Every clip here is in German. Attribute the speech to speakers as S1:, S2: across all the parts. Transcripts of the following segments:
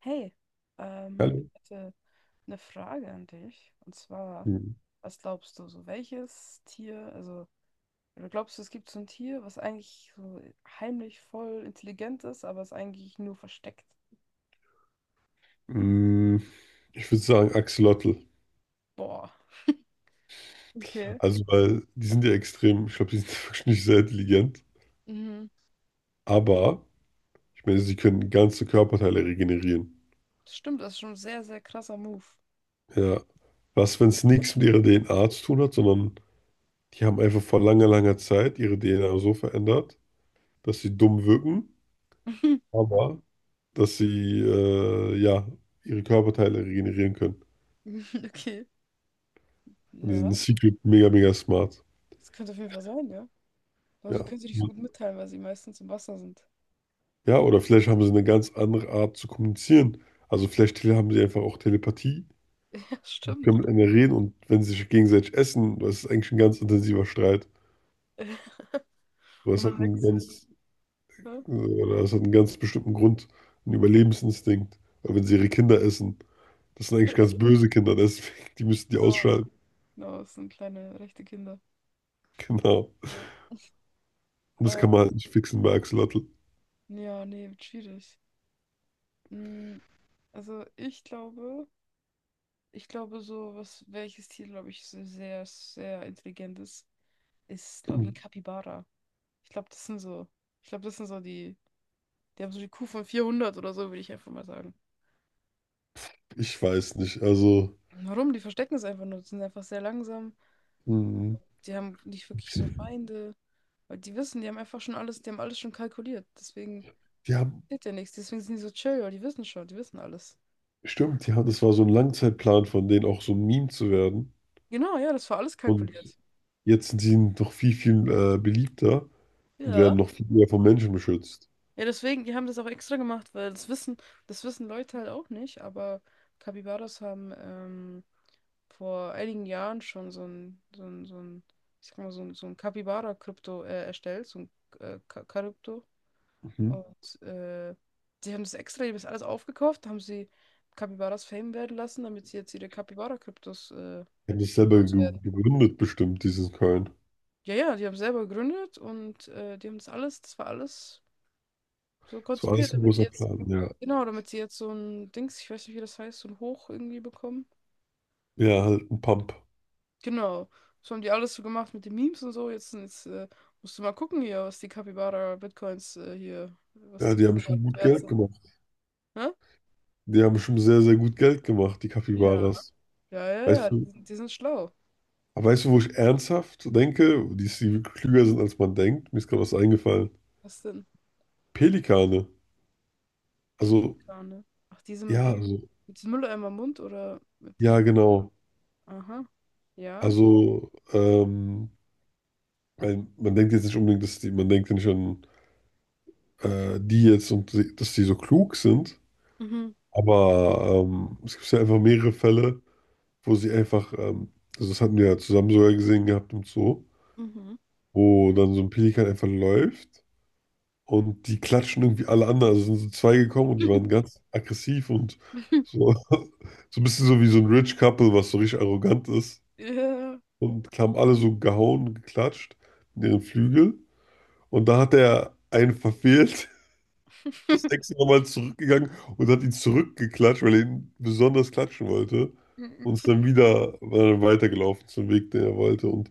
S1: Hey,
S2: Hallo.
S1: ich hätte eine Frage an dich. Und zwar,
S2: Hm.
S1: was glaubst du, so welches Tier, also, oder glaubst du, es gibt so ein Tier, was eigentlich so heimlich voll intelligent ist, aber es eigentlich nur versteckt?
S2: Mm, Ich würde sagen Axolotl.
S1: Boah, okay.
S2: Also, weil die sind ja extrem, ich glaube, die sind wirklich nicht sehr intelligent.
S1: Mhm.
S2: Aber, ich meine, sie können ganze Körperteile regenerieren.
S1: Das stimmt, das ist schon ein sehr, sehr krasser Move.
S2: Ja. Was, wenn es nichts mit ihrer DNA zu tun hat, sondern die haben einfach vor langer, langer Zeit ihre DNA so verändert, dass sie dumm wirken, aber dass sie, ja, ihre Körperteile regenerieren können.
S1: Okay.
S2: Und die sind
S1: Ja,
S2: secret mega, mega smart.
S1: das könnte auf jeden Fall sein, ja. Aber sie
S2: Ja.
S1: können sich nicht so gut mitteilen, weil sie meistens im Wasser sind.
S2: Ja, oder vielleicht haben sie eine ganz andere Art zu kommunizieren. Also vielleicht haben sie einfach auch Telepathie,
S1: Ja,
S2: können
S1: stimmt.
S2: miteinander reden, und wenn sie sich gegenseitig essen, das ist eigentlich ein ganz intensiver Streit. Aber
S1: Und
S2: es hat
S1: dann
S2: einen
S1: wächst,
S2: ganz,
S1: ne?
S2: oder es hat einen ganz bestimmten Grund, einen Überlebensinstinkt. Weil wenn sie ihre Kinder essen, das sind eigentlich ganz böse Kinder, deswegen, die müssen die
S1: Genau.
S2: ausschalten.
S1: Genau, es sind kleine rechte Kinder.
S2: Genau.
S1: Ja.
S2: Und das kann man
S1: Ähm,
S2: halt nicht fixen bei Axolotl.
S1: ja, nee, wird schwierig. Mm, Also ich glaube so, was, welches Tier, glaube ich, so sehr, sehr intelligent ist, ist, glaube ich, ein Capybara. Ich glaube, das sind so, ich glaube, das sind so die, die haben so die Kuh von 400 oder so, würde ich einfach mal sagen.
S2: Ich weiß nicht, also,
S1: Warum? Die verstecken es einfach nur, die sind einfach sehr langsam,
S2: hm,
S1: die haben nicht wirklich so Feinde, weil die wissen, die haben einfach schon alles, die haben alles schon kalkuliert, deswegen
S2: die haben,
S1: passiert ja nichts, deswegen sind die so chill, weil die wissen schon, die wissen alles.
S2: stimmt, die haben, das war so ein Langzeitplan von denen, auch so ein Meme zu werden.
S1: Genau, ja, das war alles
S2: Und
S1: kalkuliert.
S2: jetzt sind sie noch viel, viel beliebter und
S1: Ja.
S2: werden noch viel mehr von Menschen beschützt.
S1: Ja, deswegen, die haben das auch extra gemacht, das wissen Leute halt auch nicht, aber Capybaras haben vor einigen Jahren schon so ein, ich sag mal, so ein Capybara-Krypto erstellt, so ein Krypto.
S2: Mhm.
S1: Und sie haben das extra, die haben das alles aufgekauft, haben sie Capybaras Fame werden lassen, damit sie jetzt ihre Capybara-Kryptos
S2: Die haben das selber ge
S1: loswerden.
S2: gegründet, bestimmt, diesen Coin.
S1: Ja, ja, die haben selber gegründet und die haben das alles, das war alles so
S2: Das war
S1: konzipiert,
S2: alles ein
S1: damit die
S2: großer
S1: jetzt,
S2: Plan, ja.
S1: genau, damit sie jetzt so ein Dings, ich weiß nicht, wie das heißt, so ein Hoch irgendwie bekommen.
S2: Ja, halt ein Pump.
S1: Genau. So haben die alles so gemacht mit den Memes und so. Jetzt, musst du mal gucken hier, was die Capybara Bitcoins hier, was
S2: Ja,
S1: die
S2: die haben schon gut
S1: wert
S2: Geld
S1: sind.
S2: gemacht.
S1: Hä?
S2: Die haben schon sehr, sehr gut Geld gemacht, die
S1: Ja.
S2: Capybaras.
S1: Ja, ja, ja,
S2: Weißt du,
S1: die sind schlau.
S2: aber weißt du, wo ich ernsthaft denke, die, die klüger sind, als man denkt? Mir ist gerade was eingefallen.
S1: Was denn?
S2: Pelikane. Also,
S1: Pelikane. Ach, diese mit
S2: ja,
S1: dem,
S2: also,
S1: mit diesem Mülleimer im Mund oder mit
S2: ja,
S1: diesem,
S2: genau.
S1: aha, ja.
S2: Also, man denkt jetzt nicht unbedingt, dass die, man denkt ja nicht an die jetzt und dass die so klug sind,
S1: Mhm,
S2: aber es gibt ja einfach mehrere Fälle, wo sie einfach, also das hatten wir ja zusammen sogar gesehen gehabt im Zoo,
S1: mhm.
S2: wo dann so ein Pelikan einfach läuft und die klatschen irgendwie alle anderen, also sind so zwei gekommen und die waren ganz aggressiv und so, so ein bisschen so wie so ein Rich Couple, was so richtig arrogant ist,
S1: Ja.
S2: und haben alle so gehauen und geklatscht in ihren Flügel, und da hat er einen verfehlt, ist extra nochmal zurückgegangen und hat ihn zurückgeklatscht, weil er ihn besonders klatschen wollte. Und ist dann wieder weitergelaufen zum Weg, den er wollte. Und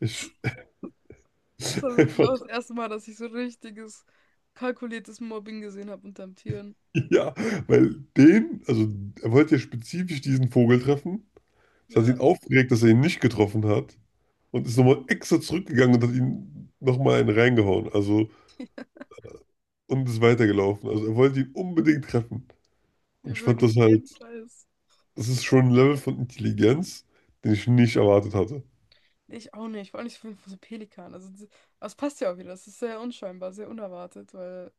S2: ich
S1: Das war wirklich
S2: einfach,
S1: auch das erste Mal, dass ich so richtiges, kalkuliertes Mobbing gesehen habe unterm Tieren.
S2: ja, weil also er wollte ja spezifisch diesen Vogel treffen. Das hat
S1: Ja,
S2: ihn aufgeregt, dass er ihn nicht getroffen hat. Und ist nochmal extra zurückgegangen und hat ihn nochmal einen reingehauen. Also, und ist weitergelaufen. Also er wollte ihn unbedingt treffen. Und
S1: wir
S2: ich fand
S1: wirklich
S2: das halt,
S1: jeden Preis.
S2: das ist schon ein Level von Intelligenz, den ich nicht erwartet hatte.
S1: Ich auch nicht, vor allem nicht von so Pelikan. Also, das passt ja auch wieder. Das ist sehr unscheinbar, sehr unerwartet, weil,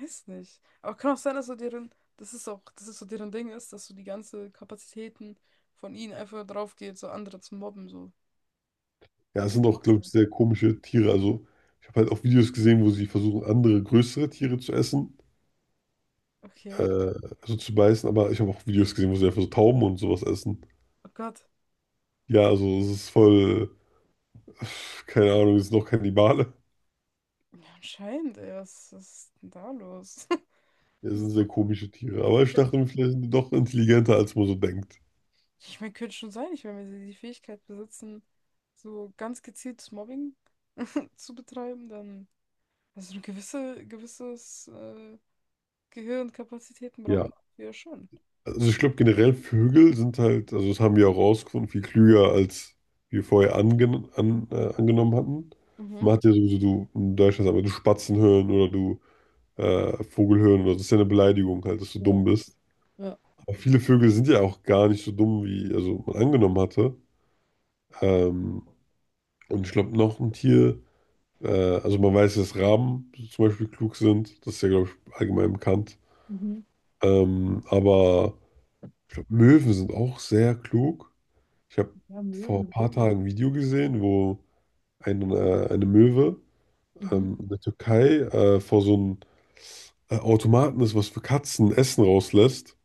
S1: weiß nicht. Aber kann auch sein, dass so deren, das ist auch, das ist so deren Ding ist, dass so die ganze Kapazitäten von ihnen einfach drauf geht, so andere zu mobben, so.
S2: Ja,
S1: Das
S2: es
S1: könnte
S2: sind
S1: ja
S2: auch,
S1: auch
S2: glaube ich,
S1: sein.
S2: sehr komische Tiere. Also, ich habe halt auch Videos gesehen, wo sie versuchen, andere größere Tiere zu essen, äh,
S1: Okay.
S2: also zu beißen, aber ich habe auch Videos gesehen, wo sie einfach so Tauben und sowas essen.
S1: Oh Gott.
S2: Ja, also, es ist voll, keine Ahnung, es sind noch Kannibale.
S1: Ja, anscheinend, ey, was ist denn da los?
S2: Ja, es sind sehr komische Tiere, aber ich dachte mir, vielleicht sind die doch intelligenter, als man so denkt.
S1: Ich meine, könnte schon sein, ich meine, wenn sie die Fähigkeit besitzen, so ganz gezieltes Mobbing zu betreiben, dann, also eine gewisse, gewisses Gehirnkapazitäten braucht
S2: Ja,
S1: man ja schon.
S2: also, ich glaube, generell Vögel sind halt, also, das haben wir auch rausgefunden, viel klüger, als wir vorher angenommen hatten.
S1: Mhm.
S2: Man hat ja sowieso, du in Deutschland, aber du Spatzen hören oder du, Vogelhirn oder so. Das ist ja eine Beleidigung halt, dass du
S1: Ja,
S2: dumm bist.
S1: ja,
S2: Aber viele Vögel sind ja auch gar nicht so dumm, wie also man angenommen hatte. Ähm, und ich glaube, noch ein Tier, äh, also man weiß, dass Raben zum Beispiel klug sind, das ist ja, glaube ich, allgemein bekannt.
S1: mhm.
S2: Aber ich glaube, Möwen sind auch sehr klug. Ich habe
S1: Ja,
S2: vor ein
S1: Möwen.
S2: paar Tagen ein Video gesehen, wo eine Möwe
S1: Mhm.
S2: in der Türkei vor so einem Automaten ist, was für Katzen Essen rauslässt.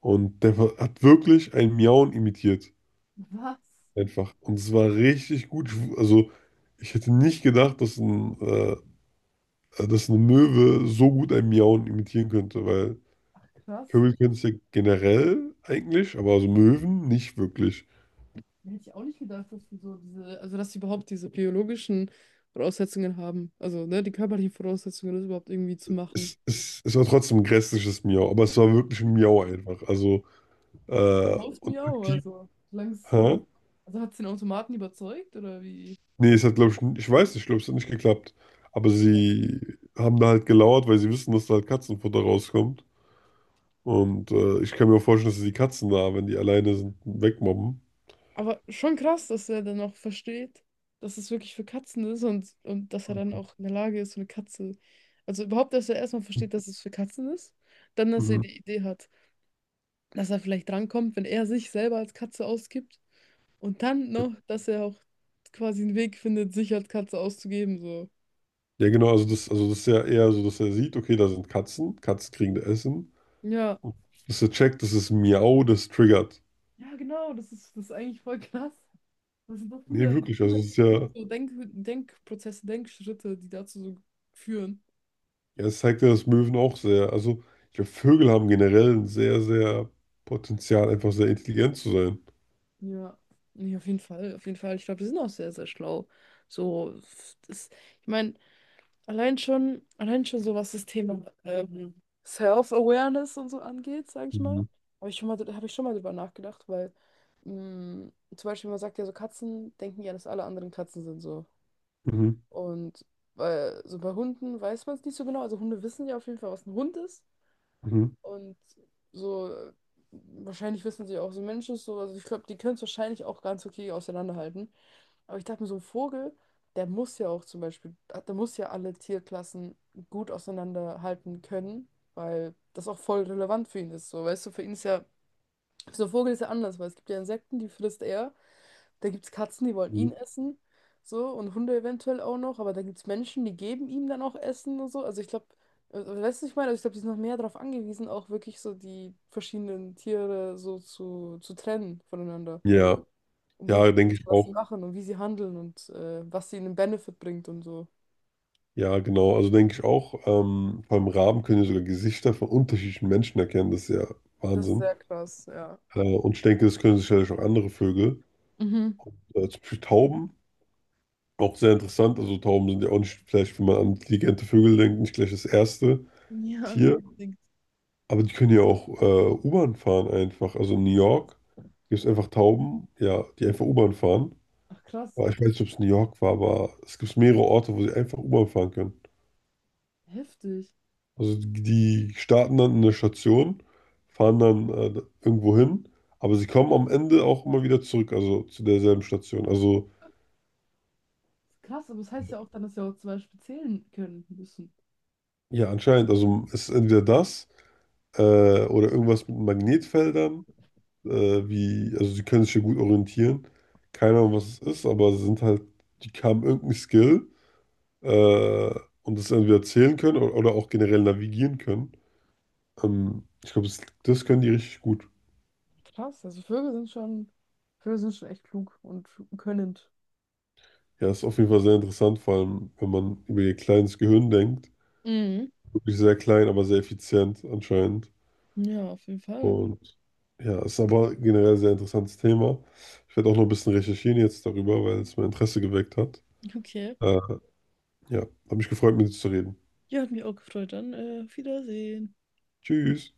S2: Und der hat wirklich ein Miauen imitiert.
S1: Was?
S2: Einfach. Und es war richtig gut. Also, ich hätte nicht gedacht, dass, dass eine Möwe so gut ein Miauen imitieren könnte, weil
S1: Ach, krass.
S2: Vögel können es ja generell eigentlich, aber also Möwen nicht wirklich.
S1: Hätte ich auch nicht gedacht, dass sie so diese, also dass sie überhaupt diese biologischen Voraussetzungen haben. Also, ne, die körperlichen Voraussetzungen, das überhaupt irgendwie zu machen.
S2: Es war trotzdem ein grässliches Miau, aber es war wirklich ein Miau einfach. Also,
S1: Läuft
S2: und
S1: mir auch,
S2: aktiv.
S1: also. Solange
S2: Hä?
S1: also hat es den Automaten überzeugt oder wie?
S2: Nee, es hat, glaube ich, ich weiß nicht, ich glaube, es hat nicht geklappt. Aber sie haben da halt gelauert, weil sie wissen, dass da halt Katzenfutter rauskommt. Und ich kann mir auch vorstellen, dass sie die Katzen da, wenn die alleine sind, wegmobben.
S1: Aber schon krass, dass er dann auch versteht, dass es wirklich für Katzen ist und dass er dann auch in der Lage ist, so eine Katze. Also überhaupt, dass er erstmal versteht, dass es für Katzen ist, dann, dass er
S2: Mhm.
S1: die Idee hat, dass er vielleicht drankommt, wenn er sich selber als Katze ausgibt und dann noch, dass er auch quasi einen Weg findet, sich als Katze auszugeben, so.
S2: Ja, genau, also das ist ja eher so, dass er sieht, okay, da sind Katzen, Katzen kriegen da Essen.
S1: Ja.
S2: Dass er checkt, das ist Miau, das triggert.
S1: Ja, genau, das ist eigentlich voll krass. Das sind so
S2: Nee,
S1: viele,
S2: wirklich, also
S1: das
S2: es
S1: sind
S2: ist
S1: so viele
S2: ja,
S1: so Denk Denkprozesse, Denkschritte, die dazu so führen.
S2: ja, es zeigt ja, dass Möwen auch sehr, also ich glaube, Vögel haben generell ein sehr, sehr Potenzial, einfach sehr intelligent zu sein.
S1: Ja, nee, auf jeden Fall, auf jeden Fall. Ich glaube, die sind auch sehr, sehr schlau. So, das, ich meine, allein schon so, was das Thema Self-Awareness und so angeht, sage ich mal.
S2: Mhm.
S1: Habe ich schon mal drüber nachgedacht, weil zum Beispiel man sagt ja so, Katzen denken ja, dass alle anderen Katzen sind so.
S2: Mhm.
S1: Und weil so bei Hunden weiß man es nicht so genau. Also Hunde wissen ja auf jeden Fall, was ein Hund ist.
S2: Mhm.
S1: Und so, wahrscheinlich wissen sie auch, so ein Mensch ist so, also ich glaube, die können es wahrscheinlich auch ganz okay auseinanderhalten. Aber ich dachte mir, so ein Vogel, der muss ja auch zum Beispiel, der muss ja alle Tierklassen gut auseinanderhalten können, weil das auch voll relevant für ihn ist. So, weißt du, für ihn ist ja, so ein Vogel ist ja anders, weil es gibt ja Insekten, die frisst er. Da gibt es Katzen, die wollen
S2: Mhm.
S1: ihn essen, so, und Hunde eventuell auch noch, aber da gibt es Menschen, die geben ihm dann auch Essen und so. Also ich glaube, weißt du, was ich meine? Also ich glaube, die sind noch mehr darauf angewiesen, auch wirklich so die verschiedenen Tiere so zu trennen voneinander.
S2: Ja,
S1: Um
S2: ja,
S1: wirklich zu
S2: denke
S1: wissen,
S2: ich
S1: was sie
S2: auch.
S1: machen und wie sie handeln und was sie ihnen Benefit bringt und so.
S2: Ja, genau. Also denke ich auch, beim Raben können ja sogar Gesichter von unterschiedlichen Menschen erkennen. Das ist ja
S1: Das ist
S2: Wahnsinn.
S1: sehr krass, ja.
S2: Und ich denke, das können sicherlich auch andere Vögel.
S1: Mhm.
S2: Zum Beispiel Tauben, auch sehr interessant. Also Tauben sind ja auch nicht, vielleicht, wenn man an intelligente Vögel denkt, nicht gleich das erste
S1: Ja, nicht
S2: Tier.
S1: unbedingt.
S2: Aber die können ja auch U-Bahn fahren einfach. Also in New York gibt es einfach Tauben, ja, die einfach U-Bahn fahren.
S1: Ach krass,
S2: Aber ich weiß nicht, ob es New York war, aber es gibt mehrere Orte, wo sie einfach U-Bahn fahren können.
S1: heftig.
S2: Also die starten dann in der Station, fahren dann irgendwo hin, aber sie kommen am Ende auch immer wieder zurück, also zu derselben Station. Also
S1: Krass, aber das heißt ja auch dann, dass sie auch zum Beispiel zählen können müssen.
S2: ja, anscheinend, also es ist entweder das, äh, oder irgendwas mit Magnetfeldern, äh, wie, also sie können sich ja gut orientieren. Keine Ahnung, was es ist, aber sie sind halt, die haben irgendeinen Skill, äh, und das entweder zählen können oder, auch generell navigieren können. Ich glaube, das, können die richtig gut.
S1: Krass, also Vögel sind schon echt klug und könnend.
S2: Ja, ist auf jeden Fall sehr interessant, vor allem wenn man über ihr kleines Gehirn denkt.
S1: Mhm.
S2: Wirklich sehr klein, aber sehr effizient anscheinend.
S1: Ja, auf jeden Fall.
S2: Und ja, ist aber generell ein sehr interessantes Thema. Ich werde auch noch ein bisschen recherchieren jetzt darüber, weil es mein Interesse geweckt hat.
S1: Okay.
S2: Äh, ja, habe mich gefreut, mit dir zu reden.
S1: Ja, hat mich auch gefreut. Dann auf Wiedersehen.
S2: Tschüss.